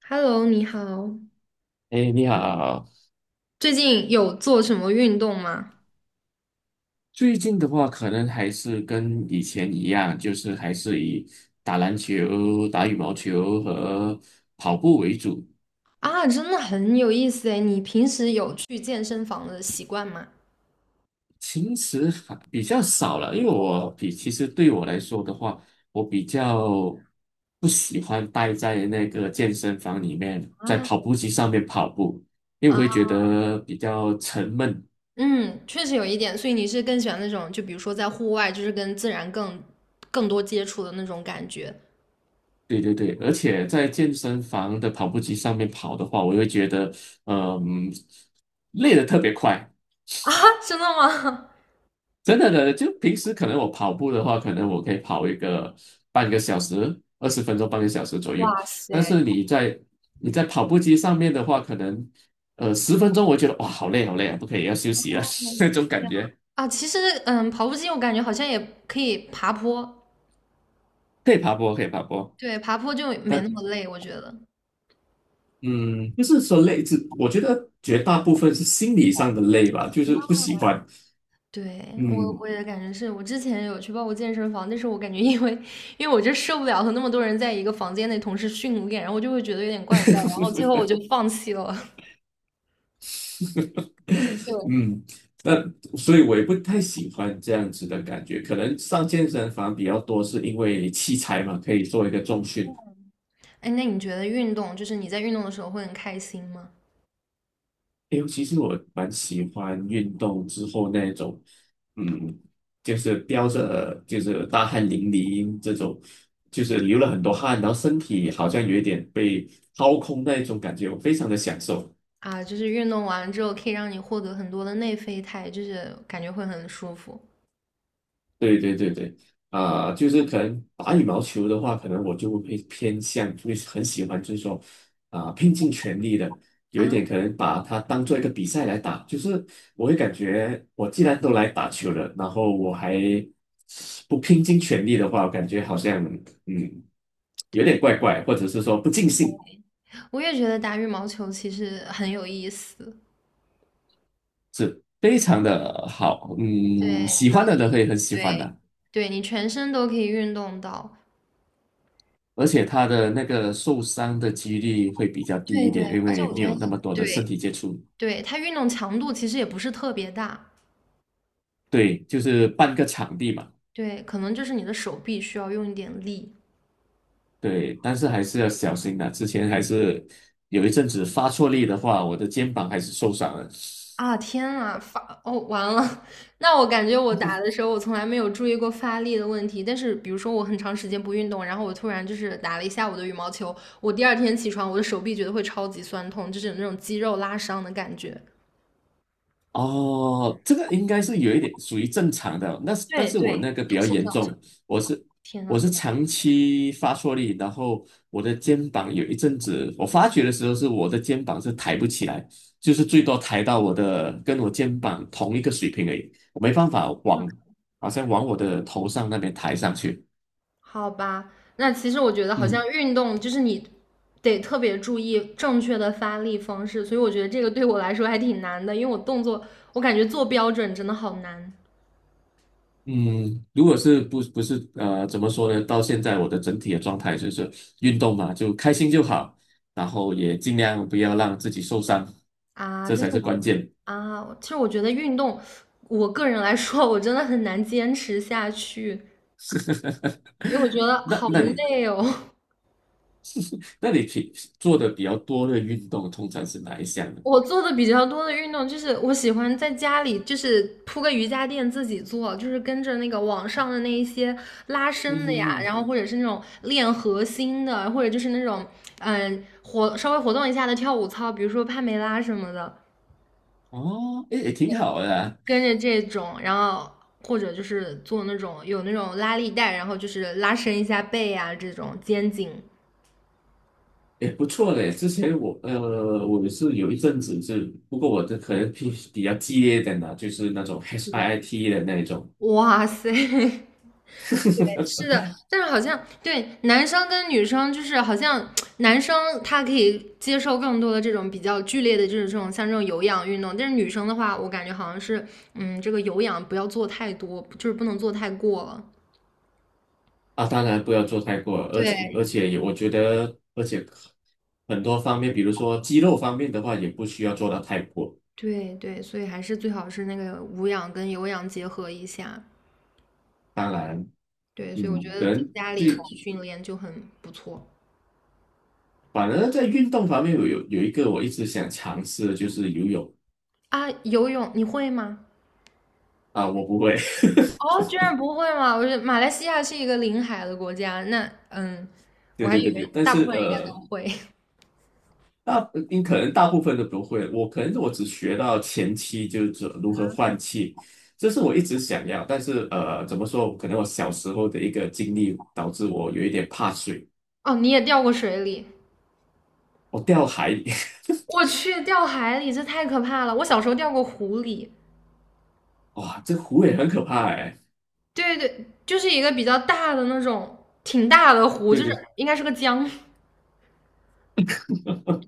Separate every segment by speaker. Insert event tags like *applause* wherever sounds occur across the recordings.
Speaker 1: Hello，你好，
Speaker 2: 哎，你好。
Speaker 1: 最近有做什么运动吗？
Speaker 2: 最近的话，可能还是跟以前一样，就是还是以打篮球、打羽毛球和跑步为主。
Speaker 1: 啊，真的很有意思诶，你平时有去健身房的习惯吗？
Speaker 2: 平时还比较少了，因为其实对我来说的话，我比较不喜欢待在那个健身房里面，在
Speaker 1: 啊
Speaker 2: 跑步机上面跑步，因为我
Speaker 1: 啊，
Speaker 2: 会觉得比较沉闷。
Speaker 1: 嗯，确实有一点，所以你是更喜欢那种，就比如说在户外，就是跟自然更多接触的那种感觉
Speaker 2: 对对对，而且在健身房的跑步机上面跑的话，我会觉得，嗯，累得特别快。
Speaker 1: 啊？*laughs* 真的吗？
Speaker 2: 真的，就平时可能我跑步的话，可能我可以跑一个半个小时、20分钟、半个小时左右。
Speaker 1: 哇
Speaker 2: 但
Speaker 1: 塞，
Speaker 2: 是你在跑步机上面的话，可能十分钟，我觉得哇，好累好累啊，不可以要休息了
Speaker 1: 哦
Speaker 2: *laughs* 那种
Speaker 1: 这
Speaker 2: 感
Speaker 1: 样
Speaker 2: 觉。
Speaker 1: 啊，其实嗯，跑步机我感觉好像也可以爬坡，
Speaker 2: 可以爬坡，可以爬坡，
Speaker 1: 对，爬坡就没
Speaker 2: 但
Speaker 1: 那么累，我觉得。
Speaker 2: 嗯，就是说累，是我觉得绝大部分是心理上的累吧，就是不喜欢。
Speaker 1: 对，我
Speaker 2: 嗯，
Speaker 1: 也感觉是我之前有去报过健身房，但是我感觉因为我就受不了和那么多人在一个房间内同时训练，然后我就会觉得有点怪
Speaker 2: *laughs*
Speaker 1: 怪，然后最后我就放弃了。*laughs* 就，
Speaker 2: 嗯，那所以我也不太喜欢这样子的感觉。可能上健身房比较多，是因为器材嘛，可以做一个重训。
Speaker 1: 哎，那你觉得运动就是你在运动的时候会很开心吗？
Speaker 2: 哎，其实我蛮喜欢运动之后那一种，就是飙着，就是大汗淋漓这种，就是流了很多汗，然后身体好像有一点被掏空那一种感觉，我非常的享受。
Speaker 1: 啊，就是运动完之后可以让你获得很多的内啡肽，就是感觉会很舒服
Speaker 2: 对对对对，啊、就是可能打羽毛球的话，可能我就会偏向，会很喜欢，就是说啊、拼尽全力的，有一
Speaker 1: 啊。
Speaker 2: 点可能把它当做一个比赛来打，就是我会感觉，我既然都来打球了，然后我还不拼尽全力的话，我感觉好像嗯有
Speaker 1: 对，
Speaker 2: 点怪怪，或者是说不尽兴，
Speaker 1: 我也觉得打羽毛球其实很有意思。
Speaker 2: 非常的好，嗯，
Speaker 1: 对，
Speaker 2: 喜
Speaker 1: 主要
Speaker 2: 欢的
Speaker 1: 是
Speaker 2: 人会很喜欢
Speaker 1: 对
Speaker 2: 的。
Speaker 1: 对，你全身都可以运动到。
Speaker 2: 而且他的那个受伤的几率会比较低
Speaker 1: 对
Speaker 2: 一
Speaker 1: 对，
Speaker 2: 点，因
Speaker 1: 而且
Speaker 2: 为
Speaker 1: 我
Speaker 2: 没
Speaker 1: 觉得
Speaker 2: 有那
Speaker 1: 它
Speaker 2: 么多的身
Speaker 1: 对
Speaker 2: 体接触。
Speaker 1: 对，它运动强度其实也不是特别大，
Speaker 2: 对，就是半个场地嘛。
Speaker 1: 对，可能就是你的手臂需要用一点力
Speaker 2: 对，但是还是要小心的。之前还是有一阵子发错力的话，我的肩膀还是受伤了。
Speaker 1: 啊！天啊，发哦，完了！*laughs* 那我感觉我打的时候，我从来没有注意过发力的问题。但是，比如说我很长时间不运动，然后我突然就是打了一下午的羽毛球，我第二天起床，我的手臂觉得会超级酸痛，就是有那种肌肉拉伤的感觉。
Speaker 2: 哦，这个应该是有一点属于正常的，那是但
Speaker 1: 对
Speaker 2: 是
Speaker 1: 对，
Speaker 2: 我那个比
Speaker 1: 它
Speaker 2: 较
Speaker 1: 是
Speaker 2: 严
Speaker 1: 这样子。
Speaker 2: 重，我是
Speaker 1: 天
Speaker 2: 我
Speaker 1: 呐，
Speaker 2: 是长期发错力，然后我的肩膀有一阵子，我发觉的时候是我的肩膀是抬不起来，就是最多抬到我的跟我肩膀同一个水平而已，我没办法往好像往我的头上那边抬上去。
Speaker 1: 好吧，那其实我觉得好像
Speaker 2: 嗯。
Speaker 1: 运动就是你得特别注意正确的发力方式，所以我觉得这个对我来说还挺难的，因为我动作我感觉做标准真的好难
Speaker 2: 嗯，如果是不是，怎么说呢？到现在我的整体的状态就是运动嘛，就开心就好，然后也尽量不要让自己受伤，
Speaker 1: 啊。
Speaker 2: 这
Speaker 1: 但
Speaker 2: 才
Speaker 1: 是
Speaker 2: 是
Speaker 1: 我
Speaker 2: 关键。
Speaker 1: 啊，其实我觉得运动，我个人来说我真的很难坚持下去，
Speaker 2: *laughs*
Speaker 1: 因为我觉得
Speaker 2: 那
Speaker 1: 好
Speaker 2: 那你
Speaker 1: 累哦。
Speaker 2: 那你做的比较多的运动通常是哪一项呢？
Speaker 1: 我做的比较多的运动就是我喜欢在家里就是铺个瑜伽垫自己做，就是跟着那个网上的那一些拉
Speaker 2: 嗯
Speaker 1: 伸的
Speaker 2: 哼
Speaker 1: 呀，
Speaker 2: 哼，
Speaker 1: 然后或者是那种练核心的，或者就是那种稍微活动一下的跳舞操，比如说帕梅拉什么的，
Speaker 2: 哦，诶，也挺好的啊
Speaker 1: 跟着这种，然后或者就是做那种有那种拉力带，然后就是拉伸一下背啊这种肩颈。
Speaker 2: 也不错嘞。之前我我是有一阵子是，不过我的可能比较激烈一点的，就是那种
Speaker 1: 对，
Speaker 2: HIIT 的那一种。
Speaker 1: 哇塞，*laughs*
Speaker 2: *laughs*
Speaker 1: 是的，但是好像对男生跟女生，就是好像男生他可以接受更多的这种比较剧烈的，就是这种像这种有氧运动，但是女生的话，我感觉好像是，嗯，这个有氧不要做太多，就是不能做太过了。
Speaker 2: 啊，当然不要做太过，而且
Speaker 1: 对
Speaker 2: 而且也我觉得，而且很多方面，比如说肌肉方面的话，也不需要做到太过。
Speaker 1: 对对，所以还是最好是那个无氧跟有氧结合一下。
Speaker 2: 当然，
Speaker 1: 对，所以我觉
Speaker 2: 嗯，可
Speaker 1: 得在
Speaker 2: 能
Speaker 1: 家里
Speaker 2: 最
Speaker 1: 训练就很不错
Speaker 2: 反而在运动方面有一个我一直想尝试的就是游泳。
Speaker 1: 啊。游泳你会吗？
Speaker 2: 啊，我不会，
Speaker 1: 哦，居然不会吗？我觉得马来西亚是一个临海的国家，那嗯，
Speaker 2: *laughs*
Speaker 1: 我
Speaker 2: 对
Speaker 1: 还
Speaker 2: 对
Speaker 1: 以
Speaker 2: 对对，
Speaker 1: 为大部分人应该都会。
Speaker 2: 大你可能大部分都不会，我可能只学到前期就是如何换气，这是我一直想要，但是怎么说，可能我小时候的一个经历导致我有一点怕水。
Speaker 1: *laughs* 哦，你也掉过水里？
Speaker 2: 我掉海，*laughs* 里。
Speaker 1: 我去，掉海里，这太可怕了！我小时候掉过湖里，
Speaker 2: 哇，这湖也很可怕哎。
Speaker 1: 对对对，就是一个比较大的那种，挺大的湖，
Speaker 2: 对
Speaker 1: 就是
Speaker 2: 对，
Speaker 1: 应该是个江，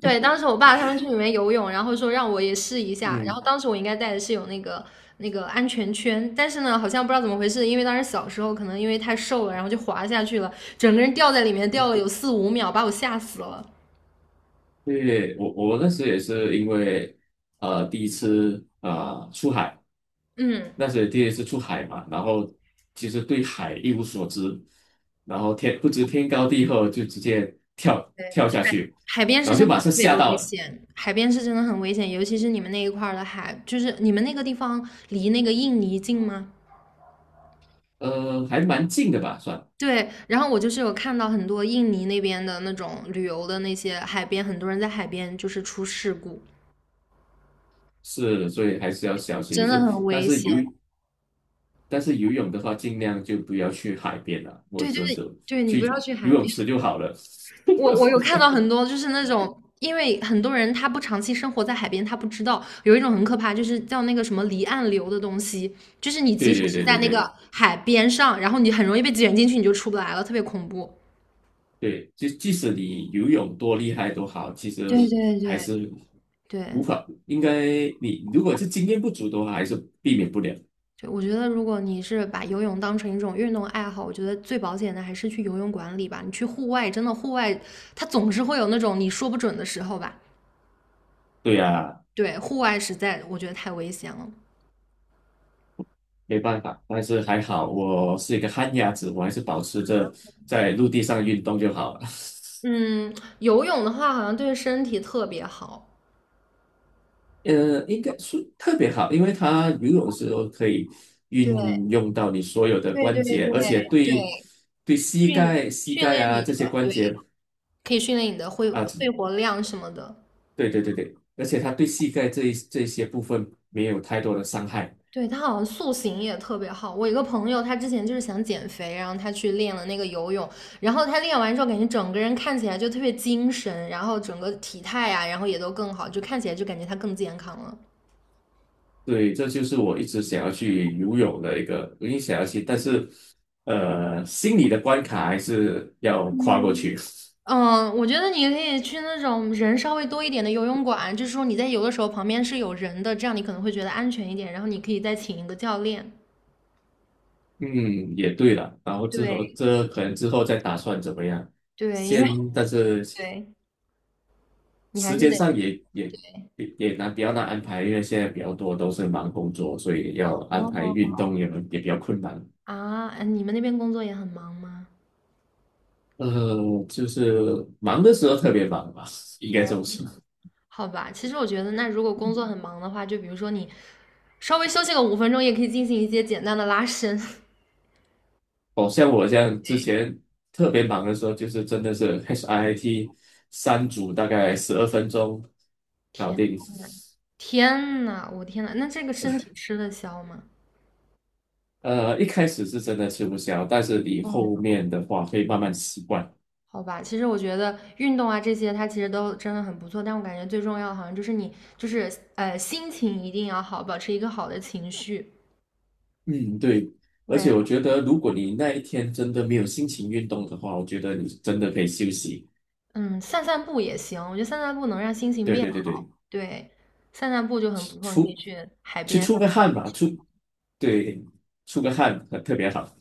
Speaker 1: 对，当时我爸他们去里面游泳，然后说让我也试一下。然后
Speaker 2: 嗯，
Speaker 1: 当时我应该带的是有那个安全圈，但是呢，好像不知道怎么回事，因为当时小时候可能因为太瘦了，然后就滑下去了，整个人掉在里面掉了有4、5秒，把我吓死了。
Speaker 2: 对，我我那时也是因为第一次出海，
Speaker 1: 嗯，
Speaker 2: 那时也第一次出海嘛，然后其实对海一无所知，然后天不知天高地厚，就直接
Speaker 1: 对，
Speaker 2: 跳下去，
Speaker 1: 海边
Speaker 2: 然
Speaker 1: 是
Speaker 2: 后就
Speaker 1: 真的
Speaker 2: 马
Speaker 1: 特
Speaker 2: 上
Speaker 1: 别
Speaker 2: 吓
Speaker 1: 危
Speaker 2: 到了。
Speaker 1: 险，海边是真的很危险，尤其是你们那一块儿的海，就是你们那个地方离那个印尼近吗？
Speaker 2: 还蛮近的吧，算
Speaker 1: 对，然后我就是有看到很多印尼那边的那种旅游的那些海边，很多人在海边就是出事故。
Speaker 2: 是，所以还是要小心。
Speaker 1: 真的
Speaker 2: 所以
Speaker 1: 很
Speaker 2: 但
Speaker 1: 危
Speaker 2: 是
Speaker 1: 险。
Speaker 2: 游但是游泳的话，尽量就不要去海边了，或
Speaker 1: 对，就
Speaker 2: 者
Speaker 1: 是
Speaker 2: 是
Speaker 1: 对你不要
Speaker 2: 去
Speaker 1: 去海
Speaker 2: 游泳
Speaker 1: 边。
Speaker 2: 池就好了。
Speaker 1: 我有
Speaker 2: *laughs*
Speaker 1: 看到很多就是那种，因为很多人他不长期生活在海边，他不知道有一种很可怕，就是叫那个什么离岸流的东西，就是你即
Speaker 2: 对
Speaker 1: 使
Speaker 2: 对
Speaker 1: 是
Speaker 2: 对
Speaker 1: 在
Speaker 2: 对
Speaker 1: 那
Speaker 2: 对
Speaker 1: 个海边上，然后你很容易被卷进去，你就出不来了，特别恐怖。
Speaker 2: 对，就即使你游泳多厉害都好，其实
Speaker 1: 对对
Speaker 2: 还
Speaker 1: 对
Speaker 2: 是无
Speaker 1: 对
Speaker 2: 法，应该你如果是经验不足的话，还是避免不了。
Speaker 1: 对，我觉得如果你是把游泳当成一种运动爱好，我觉得最保险的还是去游泳馆里吧。你去户外，真的户外，它总是会有那种你说不准的时候吧。
Speaker 2: 对呀，
Speaker 1: 对，户外实在我觉得太危险了。
Speaker 2: 没办法，但是还好我是一个旱鸭子，我还是保持着在陆地上运动就好了。
Speaker 1: 嗯，游泳的话好像对身体特别好，
Speaker 2: 呃，应该是特别好，因为它游泳的时候可以
Speaker 1: 对对
Speaker 2: 运用到你所有的
Speaker 1: 对对
Speaker 2: 关节，
Speaker 1: 对，
Speaker 2: 而且
Speaker 1: 训
Speaker 2: 膝
Speaker 1: 训
Speaker 2: 盖
Speaker 1: 练
Speaker 2: 啊
Speaker 1: 你的，
Speaker 2: 这些关
Speaker 1: 对，
Speaker 2: 节
Speaker 1: 可以训练你的肺
Speaker 2: 啊
Speaker 1: 活量什么的。
Speaker 2: 对对对对，而且它对膝盖这些部分没有太多的伤害。
Speaker 1: 对，他好像塑形也特别好。我一个朋友，他之前就是想减肥，然后他去练了那个游泳，然后他练完之后，感觉整个人看起来就特别精神，然后整个体态啊，然后也都更好，就看起来就感觉他更健康了。
Speaker 2: 对，这就是我一直想要去游泳的一个，我也想要去，但是心理的关卡还是要跨过
Speaker 1: 嗯
Speaker 2: 去。
Speaker 1: 嗯，我觉得你可以去那种人稍微多一点的游泳馆，就是说你在游的时候旁边是有人的，这样你可能会觉得安全一点。然后你可以再请一个教练。
Speaker 2: *laughs* 嗯，也对了。然后之后
Speaker 1: 对
Speaker 2: 这可能之后再打算怎么样，
Speaker 1: 对，因为
Speaker 2: 先，但是
Speaker 1: 对，你还
Speaker 2: 时
Speaker 1: 是
Speaker 2: 间
Speaker 1: 得
Speaker 2: 上也难，比较难安排，因为现在比较多都是忙工作，所以要安排运
Speaker 1: 哦，
Speaker 2: 动也也比较困难。
Speaker 1: 啊，哎你们那边工作也很忙吗？
Speaker 2: 就是忙的时候特别忙吧，应该
Speaker 1: 天，
Speaker 2: 这么说。
Speaker 1: 好吧，其实我觉得，那如果工作很忙的话，就比如说你稍微休息个5分钟，也可以进行一些简单的拉伸。*laughs*
Speaker 2: 哦，像我这样之前特别忙的时候，就是真的是 HIIT 三组大概12分钟搞
Speaker 1: 天，
Speaker 2: 定。
Speaker 1: 天呐，我天呐，那这个身体吃得消吗？
Speaker 2: 一开始是真的吃不消，但是你后面的话会慢慢习惯。
Speaker 1: 好吧，其实我觉得运动啊这些，它其实都真的很不错，但我感觉最重要的好像就是你，就是心情一定要好，保持一个好的情绪。
Speaker 2: 嗯，对。而
Speaker 1: 对，
Speaker 2: 且我觉得，如果你那一天真的没有心情运动的话，我觉得你真的可以休息。
Speaker 1: 嗯，散散步也行，我觉得散散步能让心情
Speaker 2: 对
Speaker 1: 变
Speaker 2: 对对
Speaker 1: 好。
Speaker 2: 对。
Speaker 1: 对，散散步就很不错，你可以
Speaker 2: 出
Speaker 1: 去海
Speaker 2: 去
Speaker 1: 边
Speaker 2: 出
Speaker 1: 散
Speaker 2: 个
Speaker 1: 散步。
Speaker 2: 汗吧，对出个汗很特别好。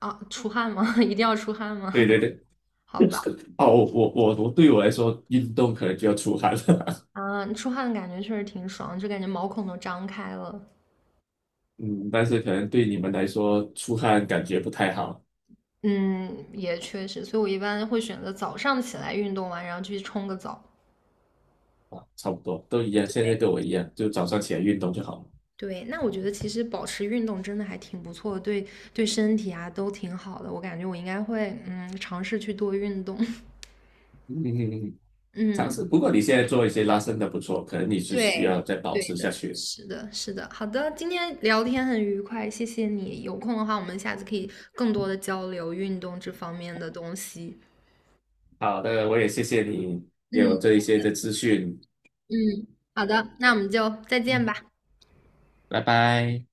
Speaker 1: 啊，出汗吗？*laughs* 一定要出汗吗？
Speaker 2: 对对对，
Speaker 1: *laughs* 好吧，
Speaker 2: *laughs* 哦，我对我来说，运动可能就要出汗了。
Speaker 1: 啊，出汗的感觉确实挺爽，就感觉毛孔都张开了。
Speaker 2: *laughs* 嗯，但是可能对你们来说，出汗感觉不太好。
Speaker 1: 嗯，也确实，所以我一般会选择早上起来运动完，然后去冲个澡。
Speaker 2: 差不多都一样。现在
Speaker 1: 对。
Speaker 2: 跟我一样，就早上起来运动就好了。
Speaker 1: 对，那我觉得其实保持运动真的还挺不错的，对对身体啊都挺好的。我感觉我应该会尝试去多运动。*laughs*
Speaker 2: 嗯嗯，嗯嗯尝
Speaker 1: 嗯，
Speaker 2: 试。不过你现在做一些拉伸的不错，可能你是需
Speaker 1: 对
Speaker 2: 要再保
Speaker 1: 对
Speaker 2: 持下
Speaker 1: 的，
Speaker 2: 去。
Speaker 1: 是的，是的。好的，今天聊天很愉快，谢谢你。有空的话，我们下次可以更多的交流运动这方面的东西。
Speaker 2: 好的，我也谢谢你给我这
Speaker 1: 嗯
Speaker 2: 一些的资讯，
Speaker 1: 嗯，好的，那我们就再见吧。
Speaker 2: 拜拜。